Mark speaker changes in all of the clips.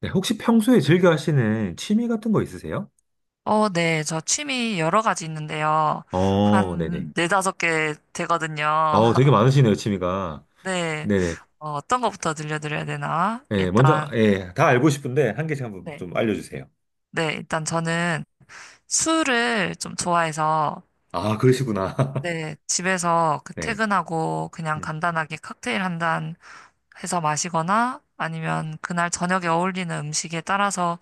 Speaker 1: 네, 혹시 평소에 즐겨 하시는 취미 같은 거 있으세요?
Speaker 2: 네. 저 취미 여러 가지 있는데요.
Speaker 1: 어, 네네.
Speaker 2: 한 네다섯 개 되거든요.
Speaker 1: 되게 많으시네요, 취미가.
Speaker 2: 네.
Speaker 1: 네네.
Speaker 2: 어, 떤 거부터 들려드려야 되나?
Speaker 1: 예, 먼저,
Speaker 2: 일단,
Speaker 1: 예, 다 알고 싶은데, 한 개씩 한번
Speaker 2: 네.
Speaker 1: 좀 알려주세요.
Speaker 2: 네. 일단 저는 술을 좀 좋아해서,
Speaker 1: 아, 그러시구나.
Speaker 2: 네. 집에서 그
Speaker 1: 네.
Speaker 2: 퇴근하고 그냥
Speaker 1: 음,
Speaker 2: 간단하게 칵테일 한 잔 해서 마시거나 아니면 그날 저녁에 어울리는 음식에 따라서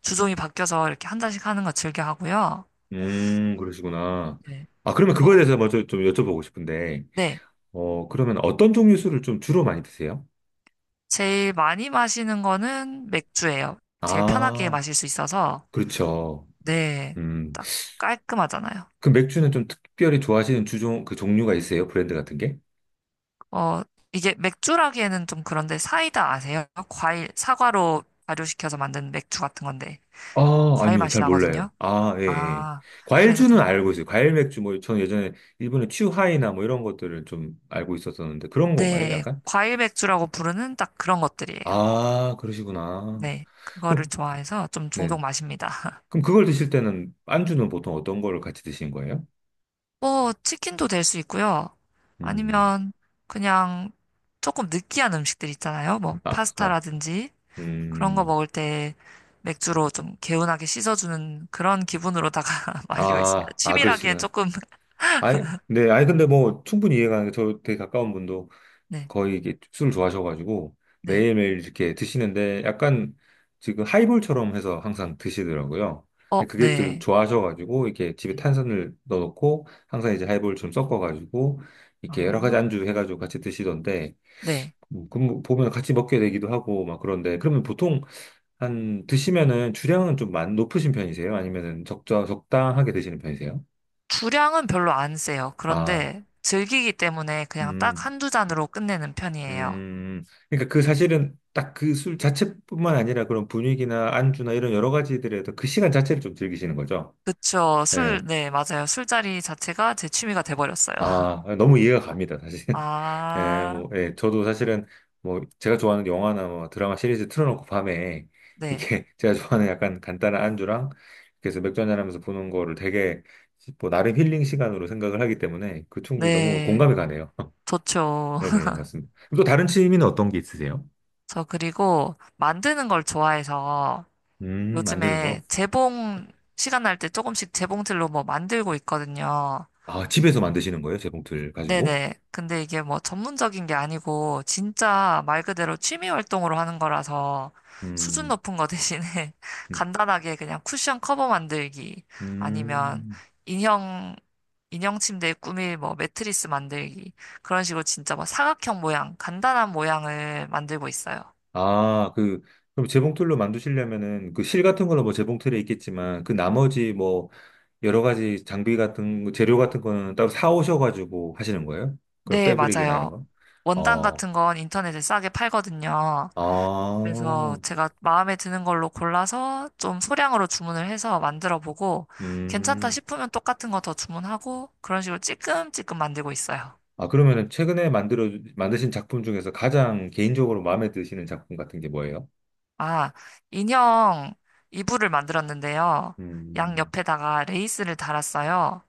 Speaker 2: 주종이 바뀌어서 이렇게 한 잔씩 하는 거 즐겨 하고요.
Speaker 1: 그러시구나.
Speaker 2: 네.
Speaker 1: 아, 그러면 그거에
Speaker 2: 또,
Speaker 1: 대해서 먼저 좀 여쭤보고 싶은데,
Speaker 2: 네.
Speaker 1: 그러면 어떤 종류 술을 좀 주로 많이 드세요?
Speaker 2: 제일 많이 마시는 거는 맥주예요. 제일 편하게
Speaker 1: 아,
Speaker 2: 마실 수 있어서,
Speaker 1: 그렇죠.
Speaker 2: 네,
Speaker 1: 음,
Speaker 2: 딱 깔끔하잖아요.
Speaker 1: 그 맥주는 좀 특별히 좋아하시는 주종, 그 종류가 있어요? 브랜드 같은 게?
Speaker 2: 어, 이게 맥주라기에는 좀 그런데 사이다 아세요? 과일, 사과로 발효시켜서 만든 맥주 같은 건데,
Speaker 1: 아,
Speaker 2: 과일
Speaker 1: 아니요.
Speaker 2: 맛이
Speaker 1: 잘 몰라요.
Speaker 2: 나거든요.
Speaker 1: 아, 예, 예.
Speaker 2: 아, 그래서
Speaker 1: 과일주는
Speaker 2: 전,
Speaker 1: 알고 있어요. 과일 맥주, 뭐, 저는 예전에 일본의 츄하이나 뭐 이런 것들을 좀 알고 있었었는데, 그런 건가요?
Speaker 2: 네,
Speaker 1: 약간?
Speaker 2: 과일 맥주라고 부르는 딱 그런 것들이에요.
Speaker 1: 아, 그러시구나.
Speaker 2: 네, 그거를
Speaker 1: 그럼,
Speaker 2: 좋아해서 좀
Speaker 1: 네.
Speaker 2: 종종 마십니다.
Speaker 1: 그럼 그걸 드실 때는, 안주는 보통 어떤 거를 같이 드신 거예요?
Speaker 2: 뭐, 치킨도 될 수 있고요.
Speaker 1: 음,
Speaker 2: 아니면 그냥 조금 느끼한 음식들 있잖아요. 뭐,
Speaker 1: 아, 맞.
Speaker 2: 파스타라든지 그런 거
Speaker 1: 음,
Speaker 2: 먹을 때 맥주로 좀 개운하게 씻어주는 그런 기분으로다가 마시고 있습니다.
Speaker 1: 아, 아,
Speaker 2: 취미라기엔
Speaker 1: 그러시구나.
Speaker 2: 조금,
Speaker 1: 아니, 네, 아니, 근데 뭐, 충분히 이해가 가는데, 저 되게 가까운 분도
Speaker 2: 네,
Speaker 1: 거의 이게 술 좋아하셔가지고
Speaker 2: 네.
Speaker 1: 매일매일 이렇게 드시는데 약간 지금 하이볼처럼 해서 항상 드시더라고요.
Speaker 2: 어,
Speaker 1: 근데 그게 들
Speaker 2: 네.
Speaker 1: 좋아하셔가지고 이렇게 집에
Speaker 2: 네.
Speaker 1: 탄산을 넣어놓고 항상 이제 하이볼 좀 섞어가지고 이렇게 여러 가지
Speaker 2: 아,
Speaker 1: 안주 해가지고 같이 드시던데
Speaker 2: 네.
Speaker 1: 그럼 뭐 보면 같이 먹게 되기도 하고 막 그런데 그러면 보통 한 드시면은 주량은 좀 높으신 편이세요? 아니면은 적자 적당하게 드시는 편이세요?
Speaker 2: 주량은 별로 안 세요.
Speaker 1: 아,
Speaker 2: 그런데 즐기기 때문에 그냥 딱
Speaker 1: 음.
Speaker 2: 한두 잔으로 끝내는 편이에요.
Speaker 1: 그러니까 그 사실은 딱 그 술 자체뿐만 아니라 그런 분위기나 안주나 이런 여러 가지들에도 그 시간 자체를 좀 즐기시는 거죠.
Speaker 2: 그쵸.
Speaker 1: 예.
Speaker 2: 술, 네, 맞아요. 술자리 자체가 제 취미가 돼버렸어요.
Speaker 1: 아, 너무 이해가 갑니다, 사실. 예,
Speaker 2: 아,
Speaker 1: 뭐, 예, 저도 사실은 뭐 제가 좋아하는 영화나 뭐 드라마 시리즈 틀어놓고 밤에
Speaker 2: 네.
Speaker 1: 이렇게 제가 좋아하는 약간 간단한 안주랑 그래서 맥주 한잔하면서 보는 거를 되게 뭐 나름 힐링 시간으로 생각을 하기 때문에 그 충분히 너무
Speaker 2: 네,
Speaker 1: 공감이 가네요.
Speaker 2: 좋죠.
Speaker 1: 네네, 맞습니다. 또 다른 취미는 어떤 게 있으세요?
Speaker 2: 저 그리고 만드는 걸 좋아해서
Speaker 1: 만드는
Speaker 2: 요즘에
Speaker 1: 거.
Speaker 2: 재봉 시간 날 때 조금씩 재봉틀로 뭐 만들고 있거든요.
Speaker 1: 아, 집에서 만드시는 거예요? 재봉틀 가지고?
Speaker 2: 네네. 근데 이게 뭐 전문적인 게 아니고 진짜 말 그대로 취미 활동으로 하는 거라서 수준
Speaker 1: 음,
Speaker 2: 높은 거 대신에
Speaker 1: 음,
Speaker 2: 간단하게 그냥 쿠션 커버 만들기 아니면
Speaker 1: 음.
Speaker 2: 인형 인형 침대 꾸밀 뭐 매트리스 만들기 그런 식으로 진짜 뭐 사각형 모양 간단한 모양을 만들고 있어요.
Speaker 1: 아, 그, 그럼 재봉틀로 만드시려면은 그 실 같은 거는 뭐 재봉틀에 있겠지만 그 나머지 뭐 여러 가지 장비 같은, 거, 재료 같은 거는 따로 사오셔가지고 하시는 거예요? 그런
Speaker 2: 네,
Speaker 1: 패브릭이나 이런
Speaker 2: 맞아요.
Speaker 1: 거?
Speaker 2: 원단
Speaker 1: 어,
Speaker 2: 같은 건 인터넷에 싸게 팔거든요. 그래서
Speaker 1: 아,
Speaker 2: 제가 마음에 드는 걸로 골라서 좀 소량으로 주문을 해서 만들어 보고 괜찮다
Speaker 1: 음.
Speaker 2: 싶으면 똑같은 거 더 주문하고 그런 식으로 찔끔찔끔 만들고 있어요.
Speaker 1: 아, 그러면은 최근에 만드신 작품 중에서 가장 개인적으로 마음에 드시는 작품 같은 게 뭐예요?
Speaker 2: 아, 인형 이불을 만들었는데요. 양
Speaker 1: 음,
Speaker 2: 옆에다가 레이스를 달았어요.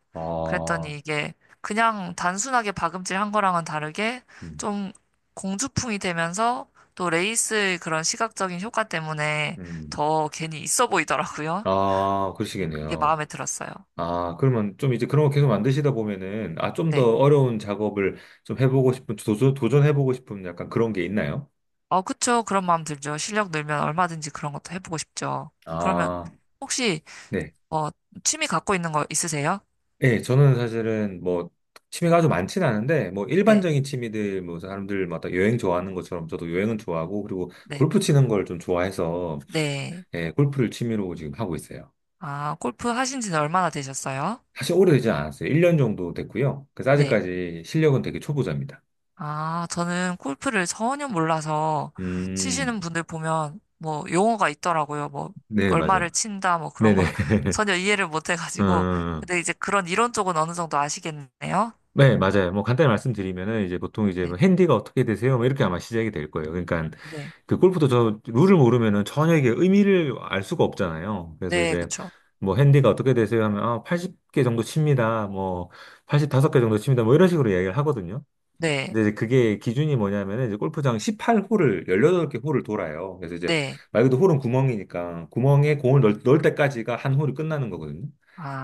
Speaker 2: 그랬더니
Speaker 1: 아,
Speaker 2: 이게 그냥 단순하게 박음질 한 거랑은 다르게
Speaker 1: 음,
Speaker 2: 좀 공주풍이 되면서 또 레이스의 그런 시각적인 효과 때문에
Speaker 1: 음.
Speaker 2: 더 괜히 있어 보이더라고요.
Speaker 1: 아,
Speaker 2: 그게
Speaker 1: 그러시겠네요.
Speaker 2: 마음에 들었어요.
Speaker 1: 아, 그러면 좀 이제 그런 거 계속 만드시다 보면은, 아, 좀
Speaker 2: 네.
Speaker 1: 더 어려운 작업을 좀 해보고 싶은, 도전해보고 싶은 약간 그런 게 있나요?
Speaker 2: 그쵸. 그런 마음 들죠. 실력 늘면 얼마든지 그런 것도 해보고 싶죠. 그러면
Speaker 1: 아,
Speaker 2: 혹시,
Speaker 1: 네.
Speaker 2: 어, 취미 갖고 있는 거 있으세요?
Speaker 1: 예, 저는 사실은 뭐, 취미가 아주 많진 않은데, 뭐,
Speaker 2: 네,
Speaker 1: 일반적인 취미들, 뭐, 사람들마다 여행 좋아하는 것처럼 저도 여행은 좋아하고, 그리고
Speaker 2: 네,
Speaker 1: 골프 치는 걸 좀 좋아해서,
Speaker 2: 네.
Speaker 1: 예, 골프를 취미로 지금 하고 있어요.
Speaker 2: 아, 골프 하신 지는 얼마나 되셨어요?
Speaker 1: 사실 오래되지 않았어요. 1년 정도 됐고요. 그래서
Speaker 2: 네.
Speaker 1: 아직까지 실력은 되게 초보자입니다.
Speaker 2: 아, 저는 골프를 전혀 몰라서
Speaker 1: 음,
Speaker 2: 치시는 분들 보면 뭐 용어가 있더라고요. 뭐,
Speaker 1: 네, 맞아요.
Speaker 2: 얼마를 친다, 뭐 그런 거
Speaker 1: 네네.
Speaker 2: 전혀 이해를 못 해가지고.
Speaker 1: 음,
Speaker 2: 근데 이제 그런 이론 쪽은 어느 정도 아시겠네요?
Speaker 1: 네, 맞아요. 뭐 간단히 말씀드리면은 이제 보통 이제 뭐
Speaker 2: 네,
Speaker 1: 핸디가 어떻게 되세요? 뭐 이렇게 아마 시작이 될 거예요. 그러니까
Speaker 2: 네,
Speaker 1: 그 골프도 저 룰을 모르면은 전혀 이게 의미를 알 수가 없잖아요. 그래서
Speaker 2: 네,
Speaker 1: 이제
Speaker 2: 그쵸.
Speaker 1: 뭐 핸디가 어떻게 되세요? 하면 아, 80개 정도 칩니다. 뭐 85개 정도 칩니다. 뭐 이런 식으로 이야기를 하거든요.
Speaker 2: 네,
Speaker 1: 근데 이제 그게 기준이 뭐냐면은 이제 골프장 18홀을 18개 홀을 돌아요. 그래서 이제
Speaker 2: 네.
Speaker 1: 말 그대로 홀은 구멍이니까 구멍에 공을 넣을 때까지가 한 홀이 끝나는 거거든요.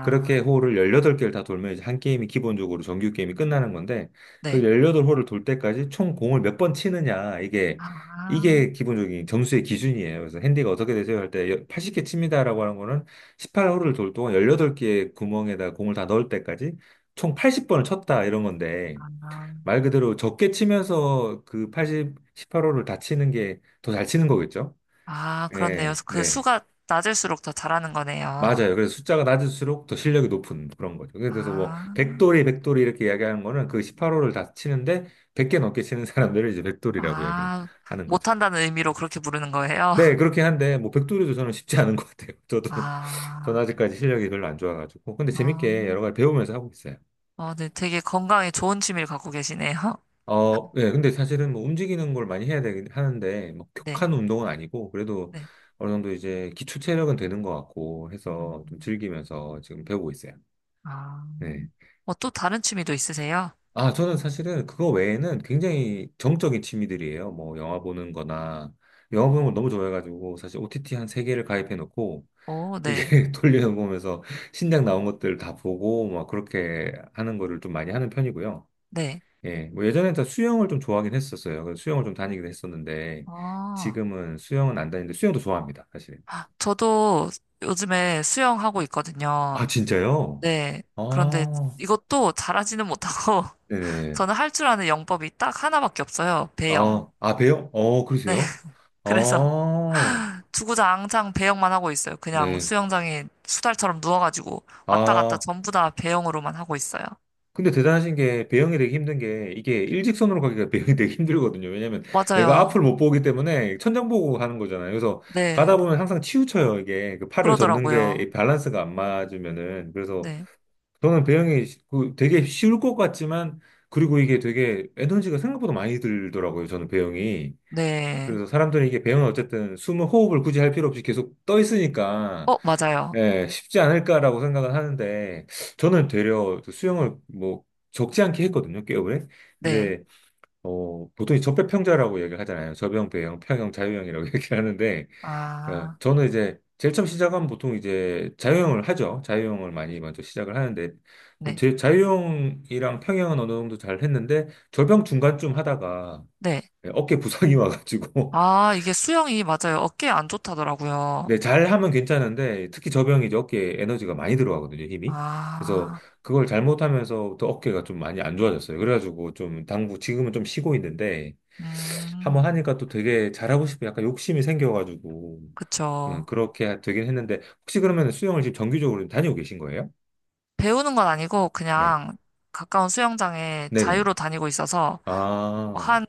Speaker 1: 그렇게 홀을 18개를 다 돌면 이제 한 게임이 기본적으로 정규 게임이 끝나는 건데 그
Speaker 2: 네.
Speaker 1: 18홀을 돌 때까지 총 공을 몇 번 치느냐 이게
Speaker 2: 아,
Speaker 1: 이게 기본적인 점수의 기준이에요. 그래서 핸디가 어떻게 되세요? 할 때 80개 칩니다라고 하는 거는 18홀을 돌 동안 18개의 구멍에다 공을 다 넣을 때까지 총 80번을 쳤다 이런 건데
Speaker 2: 아,
Speaker 1: 말 그대로 적게 치면서 그 80, 18호를 다 치는 게 더 잘 치는 거겠죠?
Speaker 2: 아, 그렇네요.
Speaker 1: 네,
Speaker 2: 그
Speaker 1: 네.
Speaker 2: 수가 낮을수록 더 잘하는 거네요.
Speaker 1: 맞아요. 그래서 숫자가 낮을수록 더 실력이 높은 그런 거죠. 그래서 뭐,
Speaker 2: 아,
Speaker 1: 백돌이, 백돌이 이렇게 이야기하는 거는 그 18호를 다 치는데 100개 넘게 치는 사람들을 이제 백돌이라고 얘기를
Speaker 2: 아,
Speaker 1: 하는 거죠.
Speaker 2: 못한다는 의미로 그렇게 부르는 거예요?
Speaker 1: 네, 그렇긴 한데, 뭐, 백돌이도 저는 쉽지 않은 것 같아요. 저도, 저는
Speaker 2: 아,
Speaker 1: 아직까지 실력이 별로 안 좋아가지고. 근데
Speaker 2: 어,
Speaker 1: 재밌게 여러 가지 배우면서 하고 있어요.
Speaker 2: 어, 네, 되게 건강에 좋은 취미를 갖고 계시네요.
Speaker 1: 어, 예, 근데 사실은 뭐 움직이는 걸 많이 해야 되긴 하는데, 뭐
Speaker 2: 네,
Speaker 1: 격한 운동은 아니고, 그래도
Speaker 2: 네.
Speaker 1: 어느 정도 이제 기초 체력은 되는 것 같고 해서 좀
Speaker 2: 음,
Speaker 1: 즐기면서 지금 배우고 있어요.
Speaker 2: 아,
Speaker 1: 네.
Speaker 2: 어, 또 다른 취미도 있으세요?
Speaker 1: 아, 저는 사실은 그거 외에는 굉장히 정적인 취미들이에요. 뭐 영화 보는 거나, 영화 보는 걸 너무 좋아해가지고, 사실 OTT 한 세개를 가입해 놓고,
Speaker 2: 오,
Speaker 1: 이게
Speaker 2: 네,
Speaker 1: 돌려보면서 신작 나온 것들 다 보고, 막 그렇게 하는 거를 좀 많이 하는 편이고요.
Speaker 2: 네.
Speaker 1: 예, 뭐 예전엔 다 수영을 좀 좋아하긴 했었어요. 그래서 수영을 좀 다니기도 했었는데,
Speaker 2: 아
Speaker 1: 지금은 수영은 안 다니는데, 수영도 좋아합니다, 사실은.
Speaker 2: 저도 요즘에 수영하고 있거든요.
Speaker 1: 아, 진짜요?
Speaker 2: 네. 그런데
Speaker 1: 아,
Speaker 2: 이것도 잘하지는 못하고
Speaker 1: 네네.
Speaker 2: 저는 할 줄 아는 영법이 딱 하나밖에 없어요. 배영.
Speaker 1: 아, 아, 배요? 어,
Speaker 2: 네.
Speaker 1: 그러세요?
Speaker 2: 그래서
Speaker 1: 아,
Speaker 2: 주구장창 배영만 하고 있어요. 그냥
Speaker 1: 네.
Speaker 2: 수영장에 수달처럼 누워가지고 왔다 갔다
Speaker 1: 아,
Speaker 2: 전부 다 배영으로만 하고 있어요.
Speaker 1: 근데 대단하신 게, 배영이 되게 힘든 게, 이게 일직선으로 가기가 배영이 되게 힘들거든요. 왜냐면 내가 앞을
Speaker 2: 맞아요.
Speaker 1: 못 보기 때문에 천장 보고 가는 거잖아요. 그래서 가다
Speaker 2: 네.
Speaker 1: 보면 항상 치우쳐요, 이게. 그 팔을 젓는
Speaker 2: 그러더라고요.
Speaker 1: 게이 밸런스가 안 맞으면은. 그래서
Speaker 2: 네.
Speaker 1: 저는 배영이 그 되게 쉬울 것 같지만, 그리고 이게 되게 에너지가 생각보다 많이 들더라고요, 저는 배영이.
Speaker 2: 네.
Speaker 1: 그래서 사람들이 이게 배영은 어쨌든 숨을 호흡을 굳이 할 필요 없이 계속 떠 있으니까,
Speaker 2: 어, 맞아요.
Speaker 1: 예, 쉽지 않을까라고 생각을 하는데, 저는 되려 수영을 뭐 적지 않게 했거든요, 꽤 오래.
Speaker 2: 네.
Speaker 1: 근데, 보통 이 접배평자라고 얘기를 하잖아요. 접영, 배영, 평영, 자유형이라고 얘기를 하는데, 예,
Speaker 2: 아,
Speaker 1: 저는 이제 제일 처음 시작하면 보통 이제 자유형을 하죠. 자유형을 많이 먼저 시작을 하는데
Speaker 2: 네.
Speaker 1: 제 자유형이랑 평형은 어느 정도 잘 했는데 절병 중간쯤 하다가
Speaker 2: 네.
Speaker 1: 예, 어깨 부상이 와가지고
Speaker 2: 아, 이게 수영이 맞아요. 어깨에 안 좋다더라고요.
Speaker 1: 네, 잘 하면 괜찮은데 특히 저병이 이제 어깨에 에너지가 많이 들어가거든요, 힘이. 그래서
Speaker 2: 아,
Speaker 1: 그걸 잘못하면서부터 어깨가 좀 많이 안 좋아졌어요. 그래가지고 좀 당구 지금은 좀 쉬고 있는데 한번
Speaker 2: 음,
Speaker 1: 하니까 또 되게 잘하고 싶은 약간 욕심이 생겨가지고
Speaker 2: 그쵸.
Speaker 1: 그렇게 되긴 했는데 혹시 그러면 수영을 지금 정기적으로 다니고 계신 거예요?
Speaker 2: 배우는 건 아니고
Speaker 1: 네.
Speaker 2: 그냥 가까운 수영장에
Speaker 1: 네네.
Speaker 2: 자유로 다니고 있어서
Speaker 1: 아,
Speaker 2: 한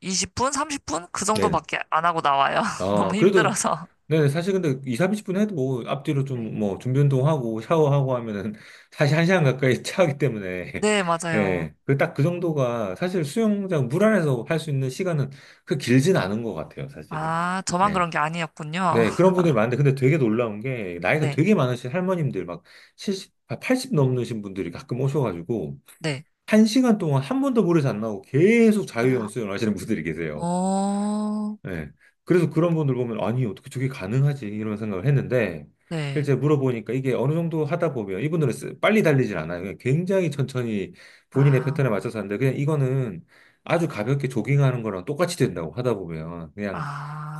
Speaker 2: 20분, 30분 그
Speaker 1: 네네.
Speaker 2: 정도밖에 안 하고 나와요. 너무
Speaker 1: 아, 그래도
Speaker 2: 힘들어서.
Speaker 1: 네네. 사실 근데 2, 30분 해도 뭐 앞뒤로 좀
Speaker 2: 네.
Speaker 1: 뭐 준비 운동하고 샤워하고 하면은 사실 한시간 가까이 차기 때문에
Speaker 2: 네, 맞아요.
Speaker 1: 예. 그 딱 그 정도가 사실 수영장 물 안에서 할 수 있는 시간은 그 길진 않은 것 같아요, 사실은.
Speaker 2: 아, 저만
Speaker 1: 네.
Speaker 2: 그런 게 아니었군요.
Speaker 1: 네, 그런 분들이 많은데, 근데 되게 놀라운 게, 나이가
Speaker 2: 네,
Speaker 1: 되게 많으신 할머님들, 막 70, 아, 80 넘으신 분들이 가끔 오셔가지고,
Speaker 2: 네.
Speaker 1: 한시간 동안 한 번도 물에서 안 나오고 계속 자유형 수영을 하시는 분들이 계세요.
Speaker 2: 어,
Speaker 1: 예. 그래서 그런 분들 보면, 아니, 어떻게 저게 가능하지? 이런 생각을 했는데,
Speaker 2: 네.
Speaker 1: 실제 물어보니까 이게 어느 정도 하다 보면, 이분들은 빨리 달리진 않아요. 그냥 굉장히 천천히 본인의
Speaker 2: 아,
Speaker 1: 패턴에 맞춰서 하는데, 그냥 이거는 아주 가볍게 조깅하는 거랑 똑같이 된다고 하다 보면, 그냥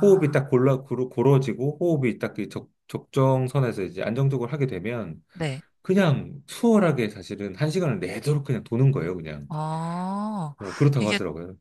Speaker 1: 호흡이 딱 고러지고, 호흡이 딱그 적정선에서 이제 안정적으로 하게 되면,
Speaker 2: 네.
Speaker 1: 그냥 수월하게 사실은 한 시간을 내도록 그냥 도는 거예요, 그냥.
Speaker 2: 어,
Speaker 1: 어, 그렇다고
Speaker 2: 이게
Speaker 1: 하더라고요.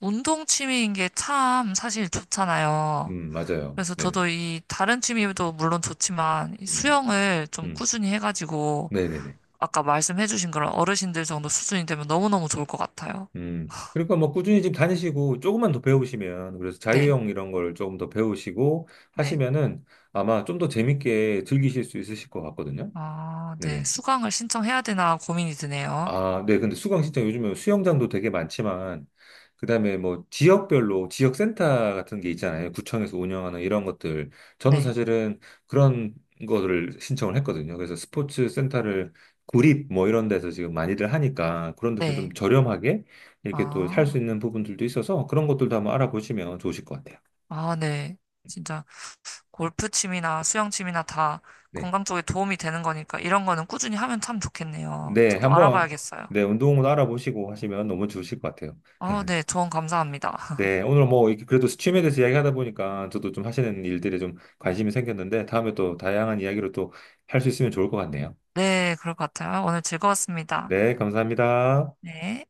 Speaker 2: 운동 취미인 게 참 사실 좋잖아요.
Speaker 1: 맞아요.
Speaker 2: 그래서
Speaker 1: 네네.
Speaker 2: 저도 이 다른 취미도 물론 좋지만 이
Speaker 1: 음,
Speaker 2: 수영을 좀
Speaker 1: 음,
Speaker 2: 꾸준히 해가지고
Speaker 1: 네네네.
Speaker 2: 아까 말씀해주신 그런 어르신들 정도 수준이 되면 너무너무 좋을 것 같아요.
Speaker 1: 그러니까 뭐 꾸준히 지금 다니시고 조금만 더 배우시면, 그래서
Speaker 2: 네,
Speaker 1: 자유형 이런 걸 조금 더 배우시고
Speaker 2: 네.
Speaker 1: 하시면은 아마 좀 더 재밌게 즐기실 수 있으실 것 같거든요.
Speaker 2: 아, 네.
Speaker 1: 네네.
Speaker 2: 수강을 신청해야 되나 고민이 드네요.
Speaker 1: 아, 네. 근데 수강 신청 요즘에 수영장도 되게 많지만, 그다음에 뭐 지역별로 지역센터 같은 게 있잖아요. 구청에서 운영하는 이런 것들. 저는
Speaker 2: 네,
Speaker 1: 사실은 그런 거를 신청을 했거든요. 그래서 스포츠 센터를 구립 뭐 이런 데서 지금 많이들 하니까 그런 데서 좀
Speaker 2: 네.
Speaker 1: 저렴하게 이렇게 또 살 수
Speaker 2: 아,
Speaker 1: 있는 부분들도 있어서 그런 것들도
Speaker 2: 네.
Speaker 1: 한번 알아보시면 좋으실 것 같아요.
Speaker 2: 아, 네. 진짜 골프 취미나 수영 취미나 다
Speaker 1: 네.
Speaker 2: 건강 쪽에 도움이 되는 거니까 이런 거는 꾸준히 하면 참 좋겠네요.
Speaker 1: 네.
Speaker 2: 저도
Speaker 1: 한번
Speaker 2: 알아봐야겠어요.
Speaker 1: 네, 운동을 알아보시고 하시면 너무 좋으실 것 같아요.
Speaker 2: 아, 네. 조언 감사합니다.
Speaker 1: 네, 오늘 뭐 이렇게 그래도 스팀에 대해서 이야기하다 보니까 저도 좀 하시는 일들에 좀 관심이 생겼는데 다음에 또 다양한 이야기로 또 할 수 있으면 좋을 것 같네요.
Speaker 2: 네, 그럴 것 같아요. 오늘 즐거웠습니다.
Speaker 1: 네, 감사합니다.
Speaker 2: 네.